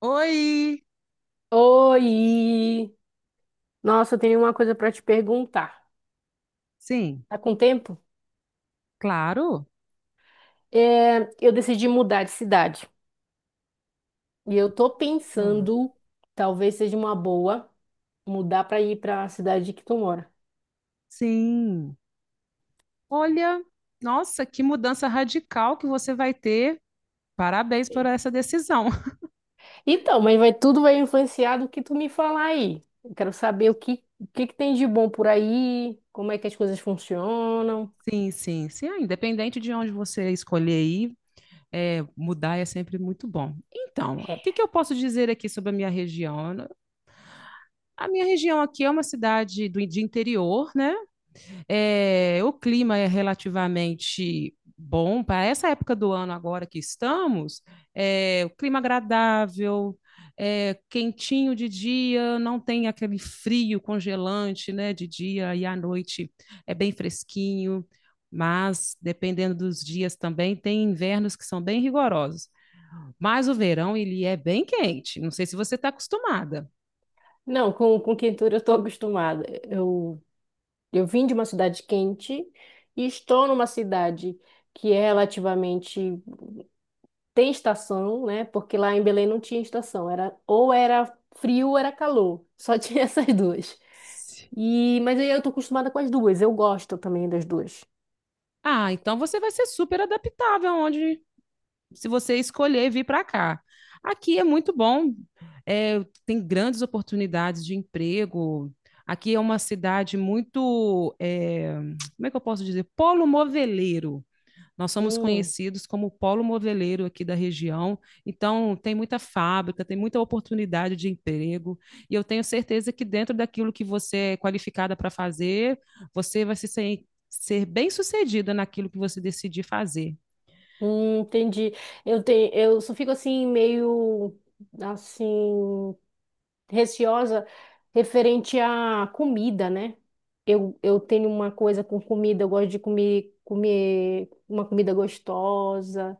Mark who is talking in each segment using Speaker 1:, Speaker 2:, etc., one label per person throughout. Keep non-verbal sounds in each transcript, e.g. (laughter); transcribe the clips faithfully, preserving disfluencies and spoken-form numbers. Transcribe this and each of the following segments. Speaker 1: Oi,
Speaker 2: Oi! Nossa, eu tenho uma coisa para te perguntar.
Speaker 1: sim,
Speaker 2: Tá com tempo?
Speaker 1: claro.
Speaker 2: É, eu decidi mudar de cidade. E eu tô
Speaker 1: Ah,
Speaker 2: pensando, talvez seja uma boa, mudar para ir para a cidade que tu mora.
Speaker 1: sim. Olha, nossa, que mudança radical que você vai ter. Parabéns por
Speaker 2: Sei.
Speaker 1: essa decisão. (laughs)
Speaker 2: Então, mas vai, tudo vai influenciar do que tu me falar aí. Eu quero saber o que, o que que tem de bom por aí, como é que as coisas funcionam.
Speaker 1: Sim, sim, sim. Ah, independente de onde você escolher ir, é, mudar é sempre muito bom. Então,
Speaker 2: É.
Speaker 1: o que que eu posso dizer aqui sobre a minha região? A minha região aqui é uma cidade do, de interior, né? É, o clima é relativamente bom para essa época do ano agora que estamos. É, o clima agradável, é, quentinho de dia, não tem aquele frio congelante, né, de dia e à noite é bem fresquinho. Mas dependendo dos dias também tem invernos que são bem rigorosos. Mas o verão ele é bem quente. Não sei se você está acostumada.
Speaker 2: Não, com, com quentura eu tô acostumada. Eu Eu vim de uma cidade quente e estou numa cidade que é relativamente tem estação, né? Porque lá em Belém não tinha estação, era ou era frio ou era calor, só (laughs) tinha essas duas. E mas aí eu tô acostumada com as duas, eu gosto também das duas.
Speaker 1: Ah, então você vai ser super adaptável onde se você escolher vir para cá. Aqui é muito bom, é, tem grandes oportunidades de emprego. Aqui é uma cidade muito, é, como é que eu posso dizer? Polo moveleiro. Nós somos
Speaker 2: Hum,
Speaker 1: conhecidos como polo moveleiro aqui da região, então tem muita fábrica, tem muita oportunidade de emprego, e eu tenho certeza que dentro daquilo que você é qualificada para fazer, você vai se ser, ser bem-sucedida naquilo que você decidir fazer.
Speaker 2: hum, entendi. Eu tenho, eu só fico assim meio assim receosa referente à comida, né? Eu, eu tenho uma coisa com comida, eu gosto de comer, comer uma comida gostosa.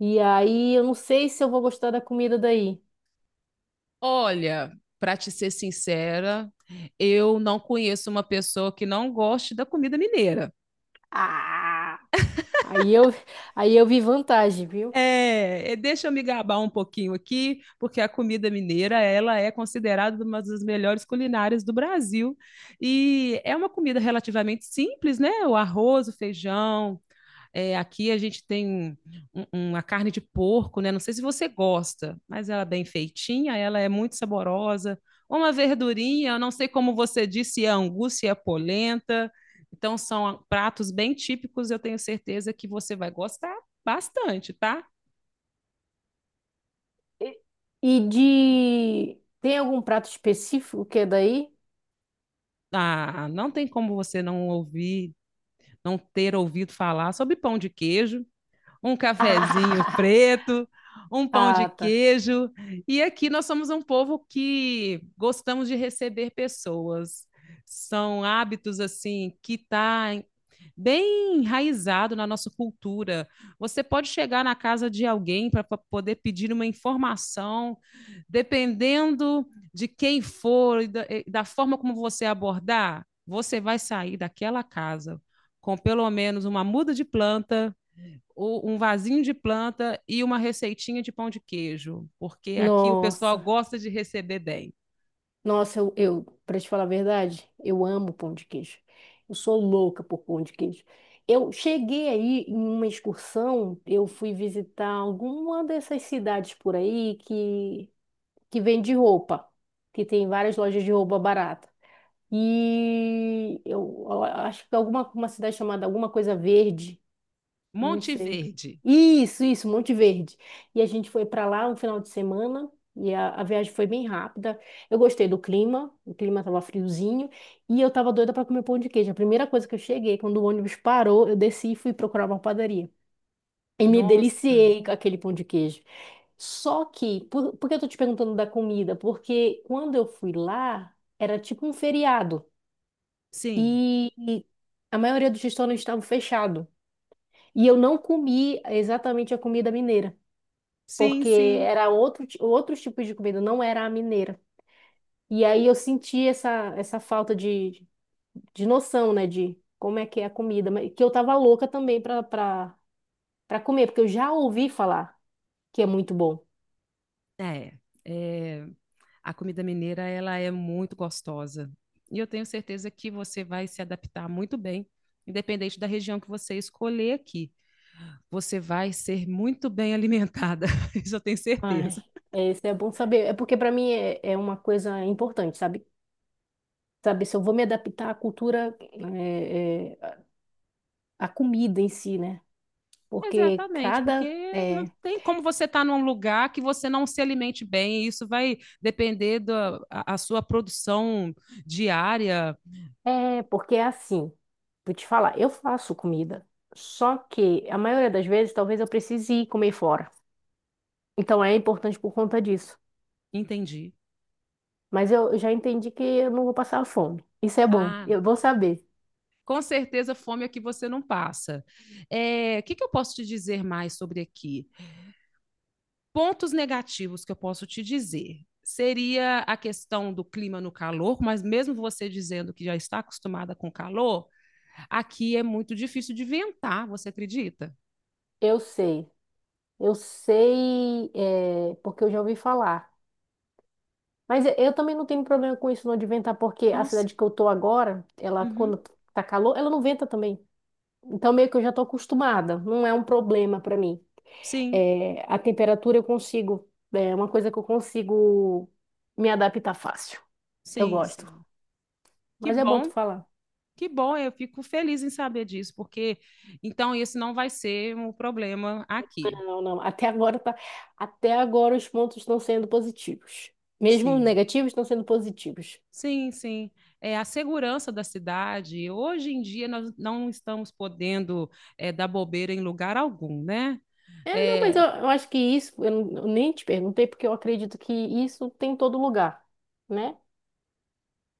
Speaker 2: E aí eu não sei se eu vou gostar da comida daí.
Speaker 1: Olha, para te ser sincera, eu não conheço uma pessoa que não goste da comida mineira.
Speaker 2: Ah! Aí eu, aí eu vi vantagem, viu?
Speaker 1: É, é, deixa eu me gabar um pouquinho aqui, porque a comida mineira, ela é considerada uma das melhores culinárias do Brasil. E é uma comida relativamente simples, né? O arroz, o feijão, é, aqui a gente tem um- uma carne de porco, né? Não sei se você gosta, mas ela é bem feitinha, ela é muito saborosa. Uma verdurinha, eu não sei como você disse, se é angu, se é polenta. Então, são pratos bem típicos, eu tenho certeza que você vai gostar bastante, tá?
Speaker 2: E e de. Tem algum prato específico que é daí?
Speaker 1: Ah, não tem como você não ouvir, não ter ouvido falar sobre pão de queijo. Um cafezinho
Speaker 2: (laughs)
Speaker 1: preto, um pão de
Speaker 2: Ah, tá.
Speaker 1: queijo. E aqui nós somos um povo que gostamos de receber pessoas. São hábitos assim que está bem enraizado na nossa cultura. Você pode chegar na casa de alguém para poder pedir uma informação, dependendo de quem for e da, e da forma como você abordar, você vai sair daquela casa com pelo menos uma muda de planta, um vasinho de planta e uma receitinha de pão de queijo, porque aqui o pessoal
Speaker 2: Nossa.
Speaker 1: gosta de receber bem.
Speaker 2: Nossa, eu, eu para te falar a verdade, eu amo pão de queijo. Eu sou louca por pão de queijo. Eu cheguei aí em uma excursão, eu fui visitar alguma dessas cidades por aí que, que vende roupa, que tem várias lojas de roupa barata. E eu, eu acho que alguma uma cidade chamada alguma coisa verde. Não
Speaker 1: Monte
Speaker 2: sei.
Speaker 1: Verde.
Speaker 2: Isso, isso, Monte Verde. E a gente foi para lá um final de semana e a, a viagem foi bem rápida. Eu gostei do clima, o clima estava friozinho e eu estava doida para comer pão de queijo. A primeira coisa que eu cheguei, quando o ônibus parou, eu desci e fui procurar uma padaria. E me
Speaker 1: Nossa,
Speaker 2: deliciei com aquele pão de queijo. Só que, por, por que eu tô te perguntando da comida? Porque quando eu fui lá, era tipo um feriado
Speaker 1: sim,
Speaker 2: e e a maioria dos restaurantes estavam fechados. E eu não comi exatamente a comida mineira,
Speaker 1: sim,
Speaker 2: porque
Speaker 1: sim.
Speaker 2: era outro, ti- outro tipo de comida, não era a mineira. E aí eu senti essa, essa falta de, de noção, né, de como é que é a comida, mas que eu tava louca também para para comer, porque eu já ouvi falar que é muito bom.
Speaker 1: É, é, a comida mineira ela é muito gostosa e eu tenho certeza que você vai se adaptar muito bem, independente da região que você escolher aqui. Você vai ser muito bem alimentada, (laughs) isso eu tenho
Speaker 2: Ai,
Speaker 1: certeza.
Speaker 2: é, isso é bom saber. É porque para mim é, é uma coisa importante, sabe? Sabe, se eu vou me adaptar à cultura, é, é, à comida em si, né? Porque
Speaker 1: Exatamente,
Speaker 2: cada
Speaker 1: porque não
Speaker 2: eh,
Speaker 1: tem como você estar num lugar que você não se alimente bem, e isso vai depender da a, a sua produção diária.
Speaker 2: É, porque é assim, vou te falar, eu faço comida, só que a maioria das vezes talvez eu precise ir comer fora. Então é importante por conta disso.
Speaker 1: Entendi.
Speaker 2: Mas eu eu já entendi que eu não vou passar fome. Isso é bom,
Speaker 1: Ah,
Speaker 2: eu
Speaker 1: não.
Speaker 2: vou saber.
Speaker 1: Com certeza, fome é que você não passa. É, o que, que eu posso te dizer mais sobre aqui? Pontos negativos que eu posso te dizer. Seria a questão do clima no calor, mas mesmo você dizendo que já está acostumada com calor, aqui é muito difícil de ventar, você acredita?
Speaker 2: Eu sei, eu sei, é, porque eu já ouvi falar. Mas eu, eu também não tenho problema com isso não de ventar, porque a
Speaker 1: Nossa,
Speaker 2: cidade que eu tô agora, ela
Speaker 1: uhum.
Speaker 2: quando tá calor, ela não venta também. Então meio que eu já tô acostumada, não é um problema pra mim.
Speaker 1: Sim,
Speaker 2: É, a temperatura eu consigo, é uma coisa que eu consigo me adaptar fácil. Eu
Speaker 1: sim,
Speaker 2: gosto.
Speaker 1: sim. Que
Speaker 2: Mas é bom tu
Speaker 1: bom,
Speaker 2: falar.
Speaker 1: que bom. Eu fico feliz em saber disso, porque então esse não vai ser um problema aqui.
Speaker 2: Não, não. Até agora tá, até agora os pontos estão sendo positivos. Mesmo
Speaker 1: Sim,
Speaker 2: negativos estão sendo positivos.
Speaker 1: sim, sim. É a segurança da cidade. Hoje em dia nós não estamos podendo é, dar bobeira em lugar algum, né?
Speaker 2: É, não, mas eu,
Speaker 1: É,
Speaker 2: eu acho que isso, eu, não- eu nem te perguntei, porque eu acredito que isso tem em todo lugar, né?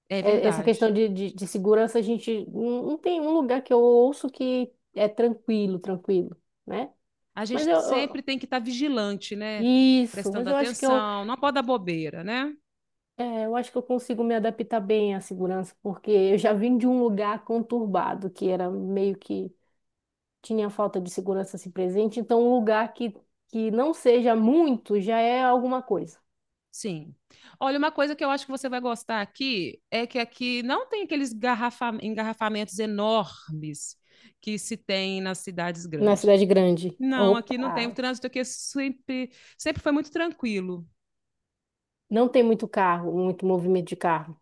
Speaker 1: é
Speaker 2: É, essa questão
Speaker 1: verdade.
Speaker 2: de, de, de segurança, a gente não, não tem um lugar que eu ouço que é tranquilo, tranquilo, né?
Speaker 1: A
Speaker 2: Mas
Speaker 1: gente
Speaker 2: eu, eu-
Speaker 1: sempre tem que estar vigilante, né?
Speaker 2: Isso,
Speaker 1: Prestando
Speaker 2: mas eu acho que eu,
Speaker 1: atenção. Não pode dar bobeira, né?
Speaker 2: é, eu acho que eu consigo me adaptar bem à segurança, porque eu já vim de um lugar conturbado, que era meio que tinha falta de segurança assim presente, então um lugar que, que não seja muito já é alguma coisa.
Speaker 1: Sim. Olha, uma coisa que eu acho que você vai gostar aqui é que aqui não tem aqueles garrafa- engarrafamentos enormes que se tem nas cidades
Speaker 2: Na
Speaker 1: grandes.
Speaker 2: cidade grande,
Speaker 1: Não, aqui
Speaker 2: opa,
Speaker 1: não tem. O trânsito aqui é sempre, sempre foi muito tranquilo.
Speaker 2: não tem muito carro, muito movimento de carro,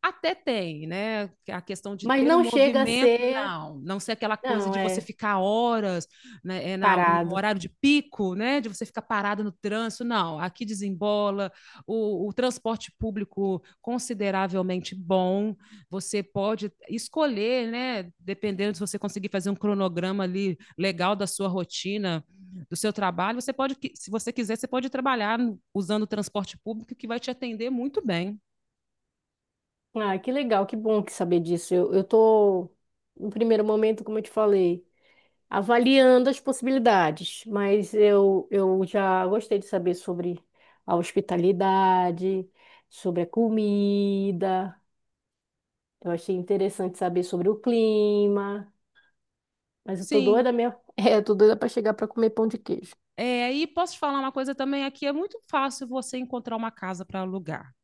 Speaker 1: Até tem, né? A questão de
Speaker 2: mas
Speaker 1: ter o
Speaker 2: não chega a
Speaker 1: movimento,
Speaker 2: ser,
Speaker 1: não. Não ser aquela coisa
Speaker 2: não,
Speaker 1: de você
Speaker 2: é
Speaker 1: ficar horas, né? É na, no
Speaker 2: parado.
Speaker 1: horário de pico, né? De você ficar parado no trânsito, não. Aqui desembola, o, o transporte público consideravelmente bom. Você pode escolher, né? Dependendo se você conseguir fazer um cronograma ali legal da sua rotina, do seu trabalho, você pode, se você quiser, você pode trabalhar usando o transporte público que vai te atender muito bem.
Speaker 2: Ah, que legal, que bom que saber disso. Eu, eu tô, no primeiro momento, como eu te falei, avaliando as possibilidades, mas eu, eu já gostei de saber sobre a hospitalidade, sobre a comida. Eu achei interessante saber sobre o clima, mas eu tô
Speaker 1: Sim,
Speaker 2: doida mesmo. (laughs) É, eu tô doida para chegar para comer pão de queijo.
Speaker 1: é, e posso te falar uma coisa também aqui, é muito fácil você encontrar uma casa para alugar.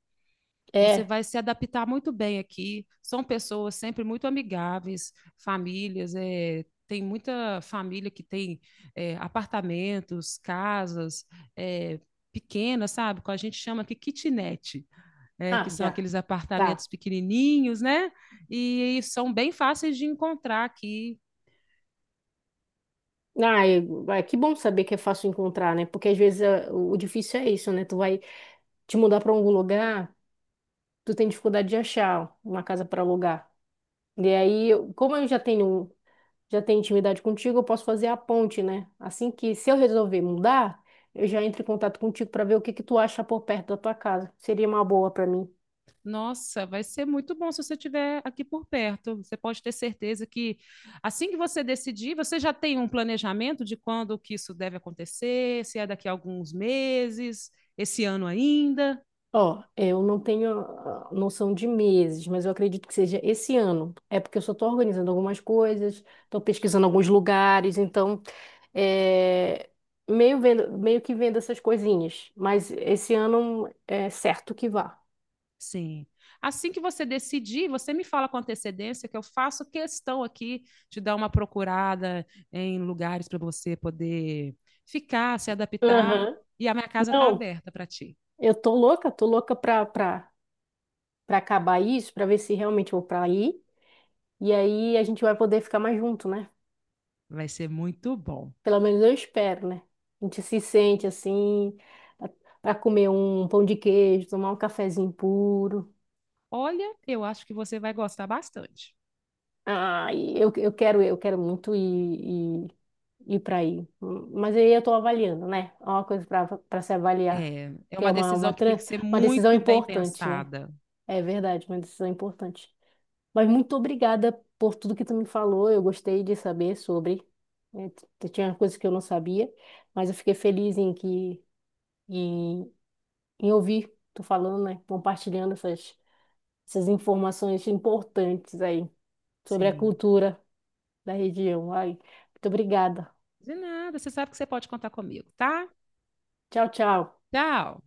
Speaker 1: Você
Speaker 2: É.
Speaker 1: vai se adaptar muito bem aqui. São pessoas sempre muito amigáveis, famílias, é, tem muita família que tem é, apartamentos, casas, é, pequenas, sabe? Que a gente chama aqui kitnet, é, que
Speaker 2: Ah,
Speaker 1: são
Speaker 2: já.
Speaker 1: aqueles apartamentos
Speaker 2: Tá.
Speaker 1: pequenininhos, né? E, e são bem fáceis de encontrar aqui.
Speaker 2: Ah, eu- ah, que bom saber que é fácil encontrar, né? Porque às vezes é, o o difícil é isso, né? Tu vai te mudar para algum lugar, tu tem dificuldade de achar uma casa para alugar. E aí, eu- como eu já tenho já tem intimidade contigo, eu posso fazer a ponte, né? Assim que, se eu resolver mudar, eu já entro em contato contigo para ver o que que tu acha por perto da tua casa. Seria uma boa para mim.
Speaker 1: Nossa, vai ser muito bom se você estiver aqui por perto. Você pode ter certeza que assim que você decidir, você já tem um planejamento de quando que isso deve acontecer, se é daqui a alguns meses, esse ano ainda.
Speaker 2: Ó, eu não tenho ah, noção de meses, mas eu acredito que seja esse ano. É porque eu só estou organizando algumas coisas, estou pesquisando alguns lugares, então é meio vendo, meio que vendo essas coisinhas. Mas esse ano é certo que vá.
Speaker 1: Sim. Assim que você decidir, você me fala com antecedência que eu faço questão aqui de dar uma procurada em lugares para você poder ficar, se adaptar,
Speaker 2: Aham.
Speaker 1: e a minha casa está
Speaker 2: Não,
Speaker 1: aberta para ti.
Speaker 2: eu tô louca, tô louca pra, pra para acabar isso, para ver se realmente eu vou para aí. E aí a gente vai poder ficar mais junto, né?
Speaker 1: Vai ser muito bom.
Speaker 2: Pelo menos eu espero, né? A gente se sente assim, para comer um pão de queijo, tomar um cafezinho puro.
Speaker 1: Olha, eu acho que você vai gostar bastante.
Speaker 2: Ai, eu, eu quero, eu quero muito ir, ir, ir para aí. Mas aí eu estou avaliando, né? É uma coisa para para se avaliar,
Speaker 1: É, é
Speaker 2: que é
Speaker 1: uma
Speaker 2: uma,
Speaker 1: decisão
Speaker 2: uma,
Speaker 1: que tem
Speaker 2: tran-
Speaker 1: que ser
Speaker 2: uma decisão
Speaker 1: muito bem
Speaker 2: importante, né?
Speaker 1: pensada.
Speaker 2: É verdade, uma decisão importante. Mas muito obrigada por tudo que tu me falou. Eu gostei de saber sobre. né, t- Tinha coisas que eu não sabia, mas eu fiquei feliz em que em, em ouvir tu falando, né? Compartilhando essas, essas informações importantes aí sobre a
Speaker 1: Sim.
Speaker 2: cultura da região. Ai, muito obrigada.
Speaker 1: De nada, você sabe que você pode contar comigo, tá?
Speaker 2: Tchau, tchau.
Speaker 1: Tchau.